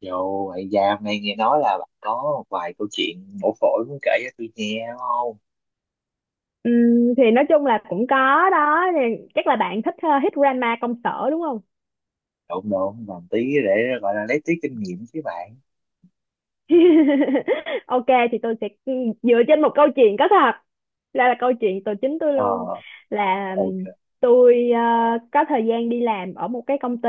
Dù vậy ra hôm nay nghe nói là bạn có một vài câu chuyện mổ phổi muốn kể cho tôi nghe đúng không? Thì nói chung là cũng có đó. Thì chắc là bạn thích Hit Grandma công sở đúng không? Độn độn làm tí để gọi là lấy tí kinh nghiệm chứ bạn. Ok, thì tôi sẽ dựa trên một câu chuyện có thật, là câu chuyện tôi, chính tôi Ờ, luôn. Là ok. tôi có thời gian đi làm ở một cái công ty,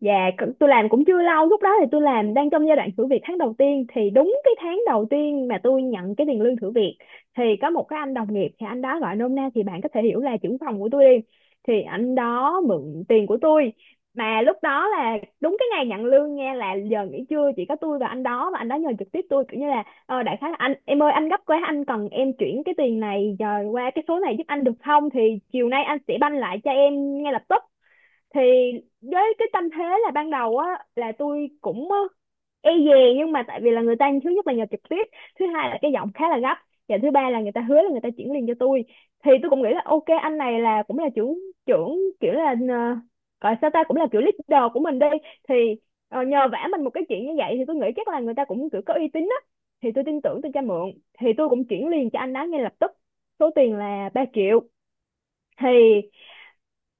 và tôi làm cũng chưa lâu, lúc đó thì tôi làm đang trong giai đoạn thử việc tháng đầu tiên. Thì đúng cái tháng đầu tiên mà tôi nhận cái tiền lương thử việc thì có một cái anh đồng nghiệp, thì anh đó gọi nôm na thì bạn có thể hiểu là trưởng phòng của tôi đi. Thì anh đó mượn tiền của tôi, mà lúc đó là đúng cái ngày nhận lương nha, là giờ nghỉ trưa chỉ có tôi và anh đó, và anh đó nhờ trực tiếp tôi kiểu như là đại khái là anh em ơi, anh gấp quá, anh cần em chuyển cái tiền này giờ qua cái số này giúp anh được không, thì chiều nay anh sẽ banh lại cho em ngay lập tức. Thì với cái tâm thế là ban đầu á, là tôi cũng e dè, nhưng mà tại vì là người ta thứ nhất là nhờ trực tiếp, thứ hai là cái giọng khá là gấp, và thứ ba là người ta hứa là người ta chuyển liền cho tôi. Thì tôi cũng nghĩ là ok, anh này là cũng là trưởng trưởng kiểu là, gọi sao ta, cũng là kiểu leader của mình đi. Thì nhờ vả mình một cái chuyện như vậy thì tôi nghĩ chắc là người ta cũng kiểu có uy tín á, thì tôi tin tưởng, tôi cho mượn. Thì tôi cũng chuyển liền cho anh đó ngay lập tức, số tiền là 3 triệu. Thì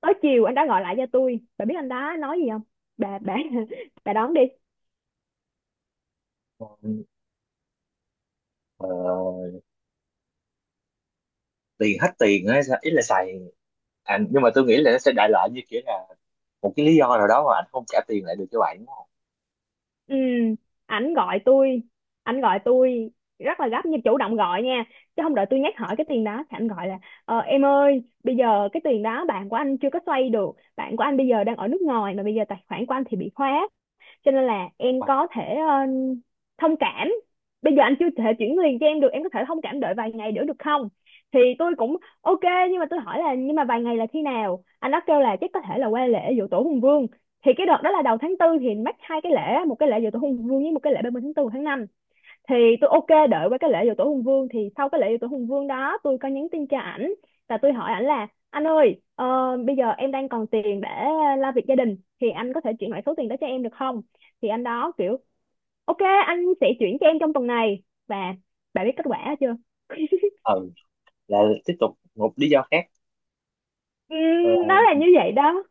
tới chiều anh đã gọi lại cho tôi, bà biết anh đó nói gì không? Bà bà đón đi. Ờ, Tiền hết tiền á, ý là xài. À, nhưng mà tôi nghĩ là nó sẽ đại loại như kiểu là một cái lý do nào đó mà anh không trả tiền lại được cho bạn đúng không? Ừ, ảnh gọi tôi ảnh gọi tôi rất là gấp, nhưng chủ động gọi nha, chứ không đợi tôi nhắc hỏi cái tiền đó. Thì ảnh gọi là em ơi, bây giờ cái tiền đó bạn của anh chưa có xoay được, bạn của anh bây giờ đang ở nước ngoài, mà bây giờ tài khoản của anh thì bị khóa, cho nên là em À, có thể thông cảm, bây giờ anh chưa thể chuyển liền cho em được, em có thể thông cảm đợi vài ngày nữa được không? Thì tôi cũng ok, nhưng mà tôi hỏi là nhưng mà vài ngày là khi nào. Anh đó kêu là chắc có thể là qua lễ giỗ tổ Hùng Vương. Thì cái đợt đó là đầu tháng tư thì mắc hai cái lễ, một cái lễ giỗ tổ Hùng Vương với một cái lễ 30 tháng 4 tháng năm. Thì tôi ok, đợi qua cái lễ dỗ tổ Hùng Vương. Thì sau cái lễ dỗ tổ Hùng Vương đó tôi có nhắn tin cho ảnh, và tôi hỏi ảnh là anh ơi, bây giờ em đang còn tiền để lo việc gia đình, thì anh có thể chuyển lại số tiền đó cho em được không? Thì anh đó kiểu ok, anh sẽ chuyển cho em trong tuần này. Và bà biết kết quả chưa? ừ, là tiếp tục một lý do khác. Ờ, Nó là như vậy đó,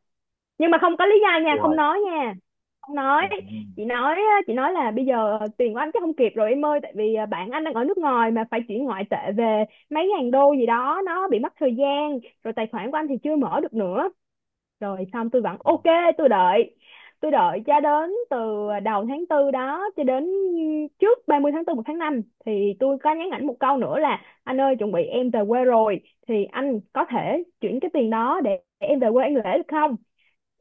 nhưng mà không có lý do nha, không rồi, nói nha, không ừ, nói. Chị nói á, chị nói là bây giờ tiền của anh chắc không kịp rồi em ơi, tại vì bạn anh đang ở nước ngoài mà phải chuyển ngoại tệ về, mấy ngàn đô gì đó nó bị mất thời gian, rồi tài khoản của anh thì chưa mở được nữa. Rồi xong tôi vẫn ok, tôi đợi, tôi đợi cho đến từ đầu tháng tư đó, cho đến trước 30 tháng 4, 1 tháng 5 thì tôi có nhắn ảnh một câu nữa là anh ơi, chuẩn bị em về quê rồi, thì anh có thể chuyển cái tiền đó để em về quê ăn lễ được không?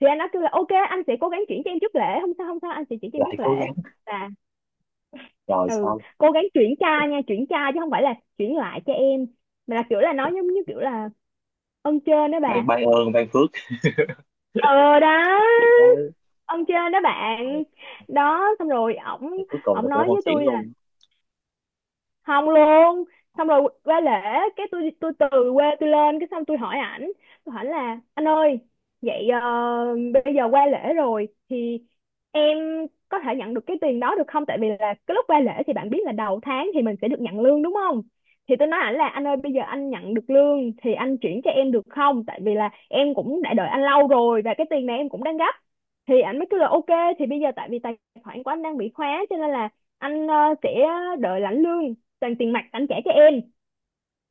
Thì anh đã kêu là ok, anh sẽ cố gắng chuyển cho em trước lễ, không sao không sao, anh sẽ chuyển cho em lại trước cố lễ. gắng Là rồi ừ, xong. cố gắng chuyển ca nha, chuyển ca chứ không phải là chuyển lại cho em, mà là kiểu là nói giống như kiểu là ơn trên đó Ban bà. ban ơn ban phước, Ờ đó, kiểu đấy. ơn trên đó bạn. Đó xong rồi ổng, Rồi, cuối cùng là ổng cũng nói không với chuyển tôi luôn. không luôn. Xong rồi qua lễ, cái tôi từ quê tôi lên, cái xong tôi hỏi ảnh, tôi hỏi là anh ơi, vậy bây giờ qua lễ rồi thì em có thể nhận được cái tiền đó được không, tại vì là cái lúc qua lễ thì bạn biết là đầu tháng thì mình sẽ được nhận lương đúng không? Thì tôi nói ảnh là anh ơi, bây giờ anh nhận được lương thì anh chuyển cho em được không, tại vì là em cũng đã đợi anh lâu rồi và cái tiền này em cũng đang gấp. Thì ảnh mới kêu là ok, thì bây giờ tại vì tài khoản của anh đang bị khóa, cho nên là anh sẽ đợi lãnh lương toàn tiền mặt anh trả cho em.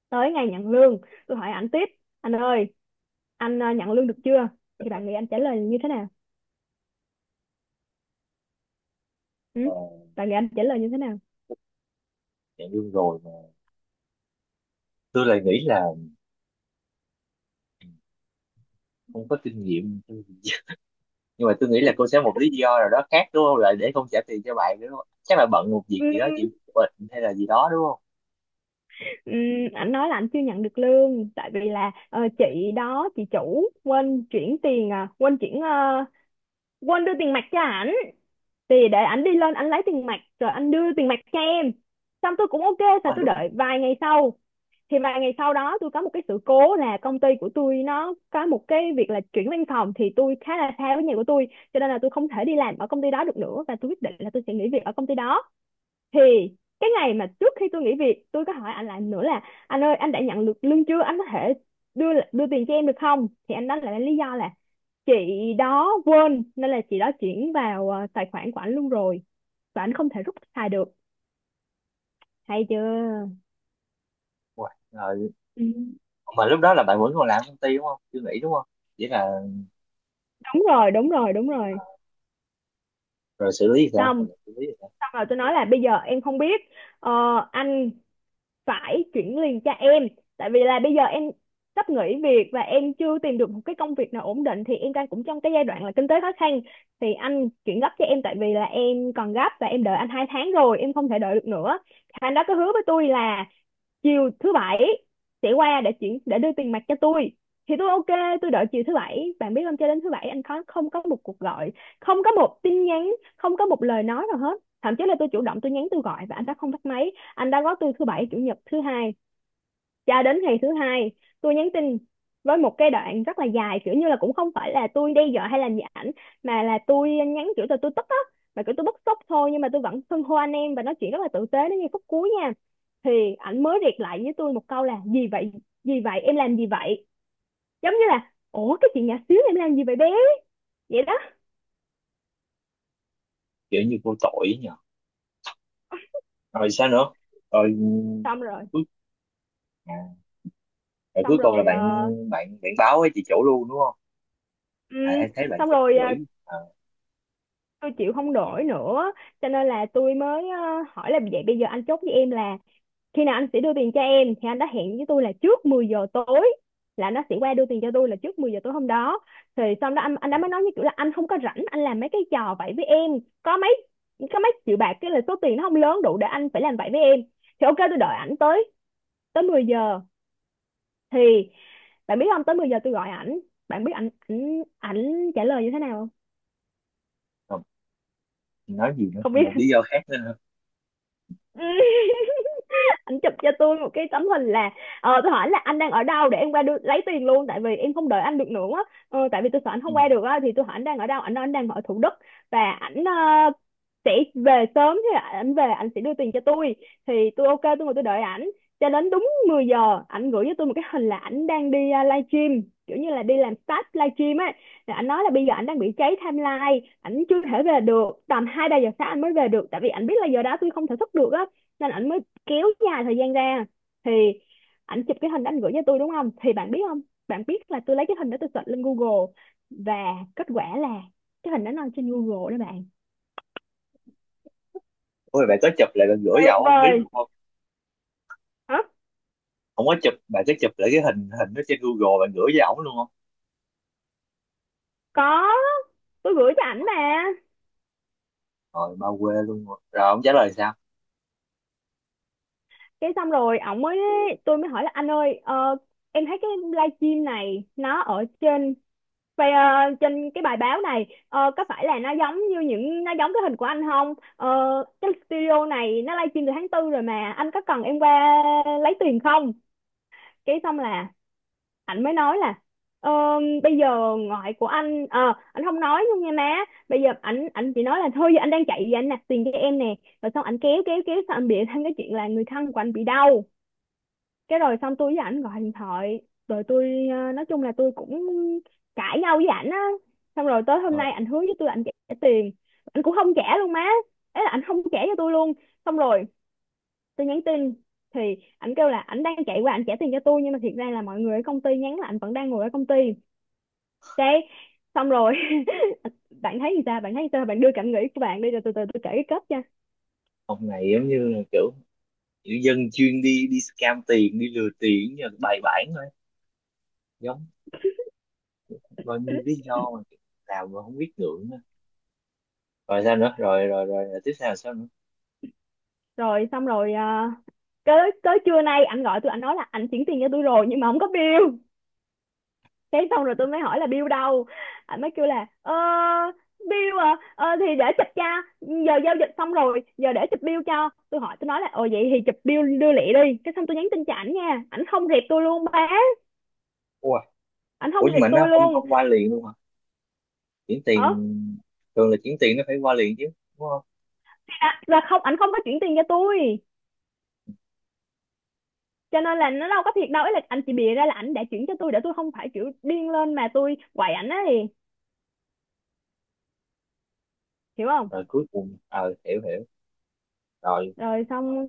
Tới ngày nhận lương tôi hỏi anh tiếp, anh ơi anh nhận lương được chưa? Thì bạn nghĩ anh trả lời như thế nào? Ừ? Ờ. Bạn nghĩ anh trả lời như thế nào? Dạng lương rồi mà tôi lại nghĩ là không có kinh nghiệm, nhưng mà tôi nghĩ là cô sẽ một lý do nào đó khác đúng không, lại để không trả tiền cho bạn đúng không? Chắc là bận một việc ừ, gì đó, chị bệnh hay là gì đó đúng không? ừ, anh nói là anh chưa nhận được lương, tại vì là chị đó, chị chủ quên chuyển tiền, à quên chuyển, quên đưa tiền mặt cho ảnh, thì để ảnh đi lên ảnh lấy tiền mặt rồi anh đưa tiền mặt cho em. Xong tôi cũng ok sao, Mà tôi lúc đợi vài ngày sau. Thì vài ngày sau đó tôi có một cái sự cố là công ty của tôi nó có một cái việc là chuyển văn phòng, thì tôi khá là xa với nhà của tôi, cho nên là tôi không thể đi làm ở công ty đó được nữa, và tôi quyết định là tôi sẽ nghỉ việc ở công ty đó. Thì cái ngày mà trước khi tôi nghỉ việc, tôi có hỏi anh lại nữa là anh ơi, anh đã nhận được lương chưa, anh có thể đưa đưa tiền cho em được không? Thì anh đó lại lý do là chị đó quên, nên là chị đó chuyển vào tài khoản của anh luôn rồi, và anh không thể rút xài được hay chưa. rồi Ừ. mà lúc đó là bạn vẫn còn làm công ty đúng không, chưa nghĩ đúng không? Chỉ là Đúng rồi đúng rồi đúng rồi. rồi xử lý thì sao, Xong, rồi xử lý sao? xong rồi tôi nói là bây giờ em không biết, ờ, anh phải chuyển liền cho em, tại vì là bây giờ em sắp nghỉ việc và em chưa tìm được một cái công việc nào ổn định, thì em đang cũng trong cái giai đoạn là kinh tế khó khăn, thì anh chuyển gấp cho em, tại vì là em còn gấp và em đợi anh 2 tháng rồi, em không thể đợi được nữa. Anh đó có hứa với tôi là chiều thứ bảy sẽ qua để chuyển, để đưa tiền mặt cho tôi. Thì tôi ok, tôi đợi chiều thứ bảy. Bạn biết không, cho đến thứ bảy anh có không có một cuộc gọi, không có một tin nhắn, không có một lời nói nào hết, thậm chí là tôi chủ động tôi nhắn, tôi gọi và anh đã không bắt máy. Anh đã gói tôi thứ bảy chủ nhật thứ hai, cho đến ngày thứ hai tôi nhắn tin với một cái đoạn rất là dài, kiểu như là cũng không phải là tôi đe dọa hay là gì ảnh, mà là tôi nhắn kiểu là tôi tức á, mà kiểu tôi bức xúc thôi, nhưng mà tôi vẫn xưng hô anh em và nói chuyện rất là tử tế đến ngay phút cuối nha. Thì ảnh mới riệt lại với tôi một câu là gì vậy, gì vậy, em làm gì vậy, giống như là ủa cái chuyện nhỏ xíu, em làm gì vậy bé, vậy đó. Kiểu như vô tội ấy, rồi sao nữa? Rồi, ừ, Xong rồi, cuối à, rồi cuối xong cùng là rồi bạn, bạn báo với chị chủ luôn đúng không? À, ừm, em thấy bạn xong chụp rồi gửi. À, tôi chịu không nổi nữa, cho nên là tôi mới hỏi là vậy bây giờ anh chốt với em là khi nào anh sẽ đưa tiền cho em. Thì anh đã hẹn với tôi là trước 10 giờ tối, là nó sẽ qua đưa tiền cho tôi là trước 10 giờ tối hôm đó. Thì xong đó anh đã mới nói như kiểu là anh không có rảnh anh làm mấy cái trò vậy với em, có mấy có mấy triệu bạc, cái là số tiền nó không lớn đủ để anh phải làm vậy với em. Thì ok tôi đợi ảnh tới, tới 10 giờ. Thì bạn biết không, tới 10 giờ tôi gọi ảnh, bạn biết ảnh ảnh ảnh trả lời như thế nào không? không, nói gì nữa, Không một lý do khác nữa hả? biết. Ảnh chụp cho tôi một cái tấm hình là, tôi hỏi là anh đang ở đâu để em qua đưa, lấy tiền luôn tại vì em không đợi anh được nữa á. Ờ, tại vì tôi sợ anh Ừ. không qua được á thì tôi hỏi anh đang ở đâu, anh nói anh đang ở Thủ Đức và ảnh sẽ về sớm, thế là ảnh về ảnh sẽ đưa tiền cho tôi. Thì tôi ok, tôi ngồi tôi đợi ảnh cho đến đúng 10 giờ ảnh gửi cho tôi một cái hình là ảnh đang đi live stream, kiểu như là đi làm stage live stream ấy. Rồi ảnh nói là bây giờ ảnh đang bị cháy timeline, ảnh chưa thể về được, tầm hai ba giờ sáng ảnh mới về được tại vì ảnh biết là giờ đó tôi không thể thức được á, nên ảnh mới kéo dài thời gian ra. Thì ảnh chụp cái hình đó ảnh gửi cho tôi đúng không, thì bạn biết không, bạn biết là tôi lấy cái hình đó tôi search lên Google và kết quả là cái hình đó nó trên Google đó bạn. Ôi, bạn có chụp lại bạn gửi cho Tuyệt ổng không, biết vời. luôn không? Hả? Không có chụp, bạn có chụp lại cái hình hình đó trên Google bạn gửi cho ổng luôn không? Có, tôi gửi cho ảnh Ôi, mà. rồi bao quê luôn rồi. Rồi ông trả lời sao? Cái xong rồi ổng mới, tôi mới hỏi là anh ơi, em thấy cái livestream này nó ở trên vậy, trên cái bài báo này có phải là nó giống như những nó giống cái hình của anh không? Ờ, cái studio này nó livestream từ tháng tư rồi mà, anh có cần em qua lấy tiền không? Cái xong là ảnh mới nói là "Ờ, bây giờ ngoại của anh anh không nói luôn nha má, bây giờ anh chỉ nói là thôi giờ anh đang chạy về anh nạp tiền cho em nè". Rồi xong anh kéo kéo kéo xong anh bịa thêm cái chuyện là người thân của anh bị đau. Cái rồi xong tôi với ảnh gọi điện thoại, rồi tôi nói chung là tôi cũng cãi nhau với ảnh á. Xong rồi tới hôm Ờ, nay ảnh hứa với tôi là ảnh trả tiền, ảnh cũng không trả luôn má, ấy là ảnh không trả cho tôi luôn. Xong rồi tôi nhắn tin thì ảnh kêu là ảnh đang chạy qua ảnh trả tiền cho tôi, nhưng mà thiệt ra là mọi người ở công ty nhắn là ảnh vẫn đang ngồi ở công ty. Đấy, xong rồi bạn thấy gì ta? Bạn thấy gì ta? Bạn đưa cảm nghĩ của bạn đi rồi từ từ tôi kể cái kết nha. ông này giống như là kiểu kiểu dân chuyên đi đi scam tiền, đi lừa tiền như là bài bản thôi. Giống bao nhiêu lý do mà làm mà không biết ngượng á. Rồi sao nữa? Rồi tiếp theo là sao nữa? Rồi xong rồi à, tới tới trưa nay ảnh gọi tôi, anh nói là ảnh chuyển tiền cho tôi rồi nhưng mà không có bill. Cái xong rồi tôi mới hỏi là bill đâu? Ảnh mới kêu là bill à, thì để chụp cho, giờ giao dịch xong rồi giờ để chụp bill cho tôi. Hỏi tôi nói là ồ vậy thì chụp bill đưa lẹ đi, cái xong tôi nhắn tin cho ảnh nha, ảnh không rep tôi luôn ba, Ủa, ảnh ủa không nhưng rep mà tôi nó không luôn. không qua liền luôn hả? Chuyển Hả? tiền thường là chuyển tiền nó phải qua liền chứ, đúng không? Là không, ảnh không có chuyển tiền cho tôi cho nên là nó đâu có thiệt đâu, ấy là anh chỉ bịa ra là ảnh đã chuyển cho tôi để tôi không phải kiểu điên lên mà tôi quậy ảnh á, thì hiểu không? Rồi cuối cùng ờ hiểu hiểu. Rồi Rồi xong,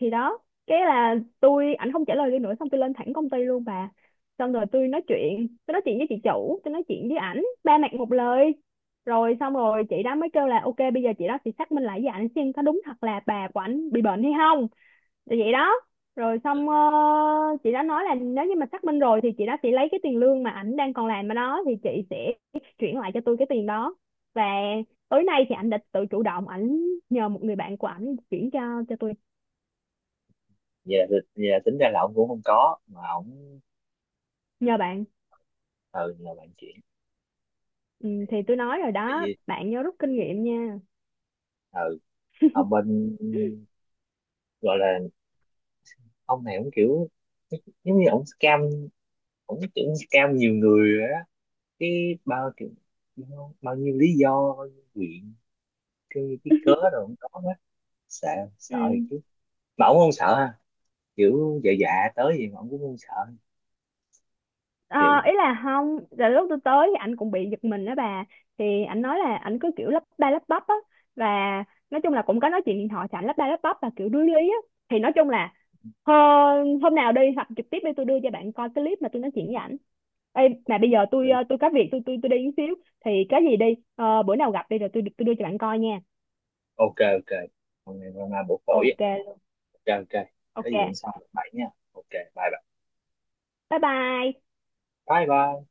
thì đó, cái là tôi ảnh không trả lời tôi nữa, xong tôi lên thẳng công ty luôn bà. Xong rồi tôi nói chuyện với chị chủ, tôi nói chuyện với ảnh ba mặt một lời. Rồi xong rồi chị đó mới kêu là ok, bây giờ chị đó sẽ xác minh lại với ảnh xem có đúng thật là bà của ảnh bị bệnh hay không. Thì vậy đó, rồi xong, chị đã nói là nếu như mà xác minh rồi thì chị đã sẽ lấy cái tiền lương mà ảnh đang còn làm ở đó thì chị sẽ chuyển lại cho tôi cái tiền đó. Và tối nay thì ảnh đã tự chủ động ảnh nhờ một người bạn của ảnh chuyển cho tôi, vậy là, vậy là tính ra là ông cũng không có mà ông nhờ bạn. ừ là bạn chuyển Ừ, này, thì tôi nói rồi tại đó, vì bạn nhớ rút kinh nghiệm nha. ừ ông bên gọi là ông này ông kiểu giống như ông scam, ông kiểu scam nhiều người rồi á, cái bao kiểu bao nhiêu lý do bao nhiêu chuyện, cái cớ rồi ông có hết. Sợ, Ừ. sợ thì chứ mà ông không sợ ha, kiểu dạ dạ tới gì mà ông cũng không sợ, Ờ, kiểu ý là không, là lúc tôi tới thì anh cũng bị giật mình đó bà, thì anh nói là anh cứ kiểu lắp ba lắp bắp á, và nói chung là cũng có nói chuyện điện thoại thì anh lắp ba lắp bắp và kiểu đuối lý á. Thì nói chung là, ờ, hôm nào đi hoặc trực tiếp đi tôi đưa cho bạn coi cái clip mà tôi nói chuyện với ảnh. Ê, mà bây giờ tôi lý- ờ, tôi có việc, tôi đi một xíu, thì cái gì đi, ờ, bữa nào gặp đi rồi tôi đưa cho bạn coi nha. ok ok. Hôm nay hôm nay bổ phổi á. Ok Ok ok. Có gì hôm ok, sau bậy nha. Ok, bye bye. bye bye. Bye bye.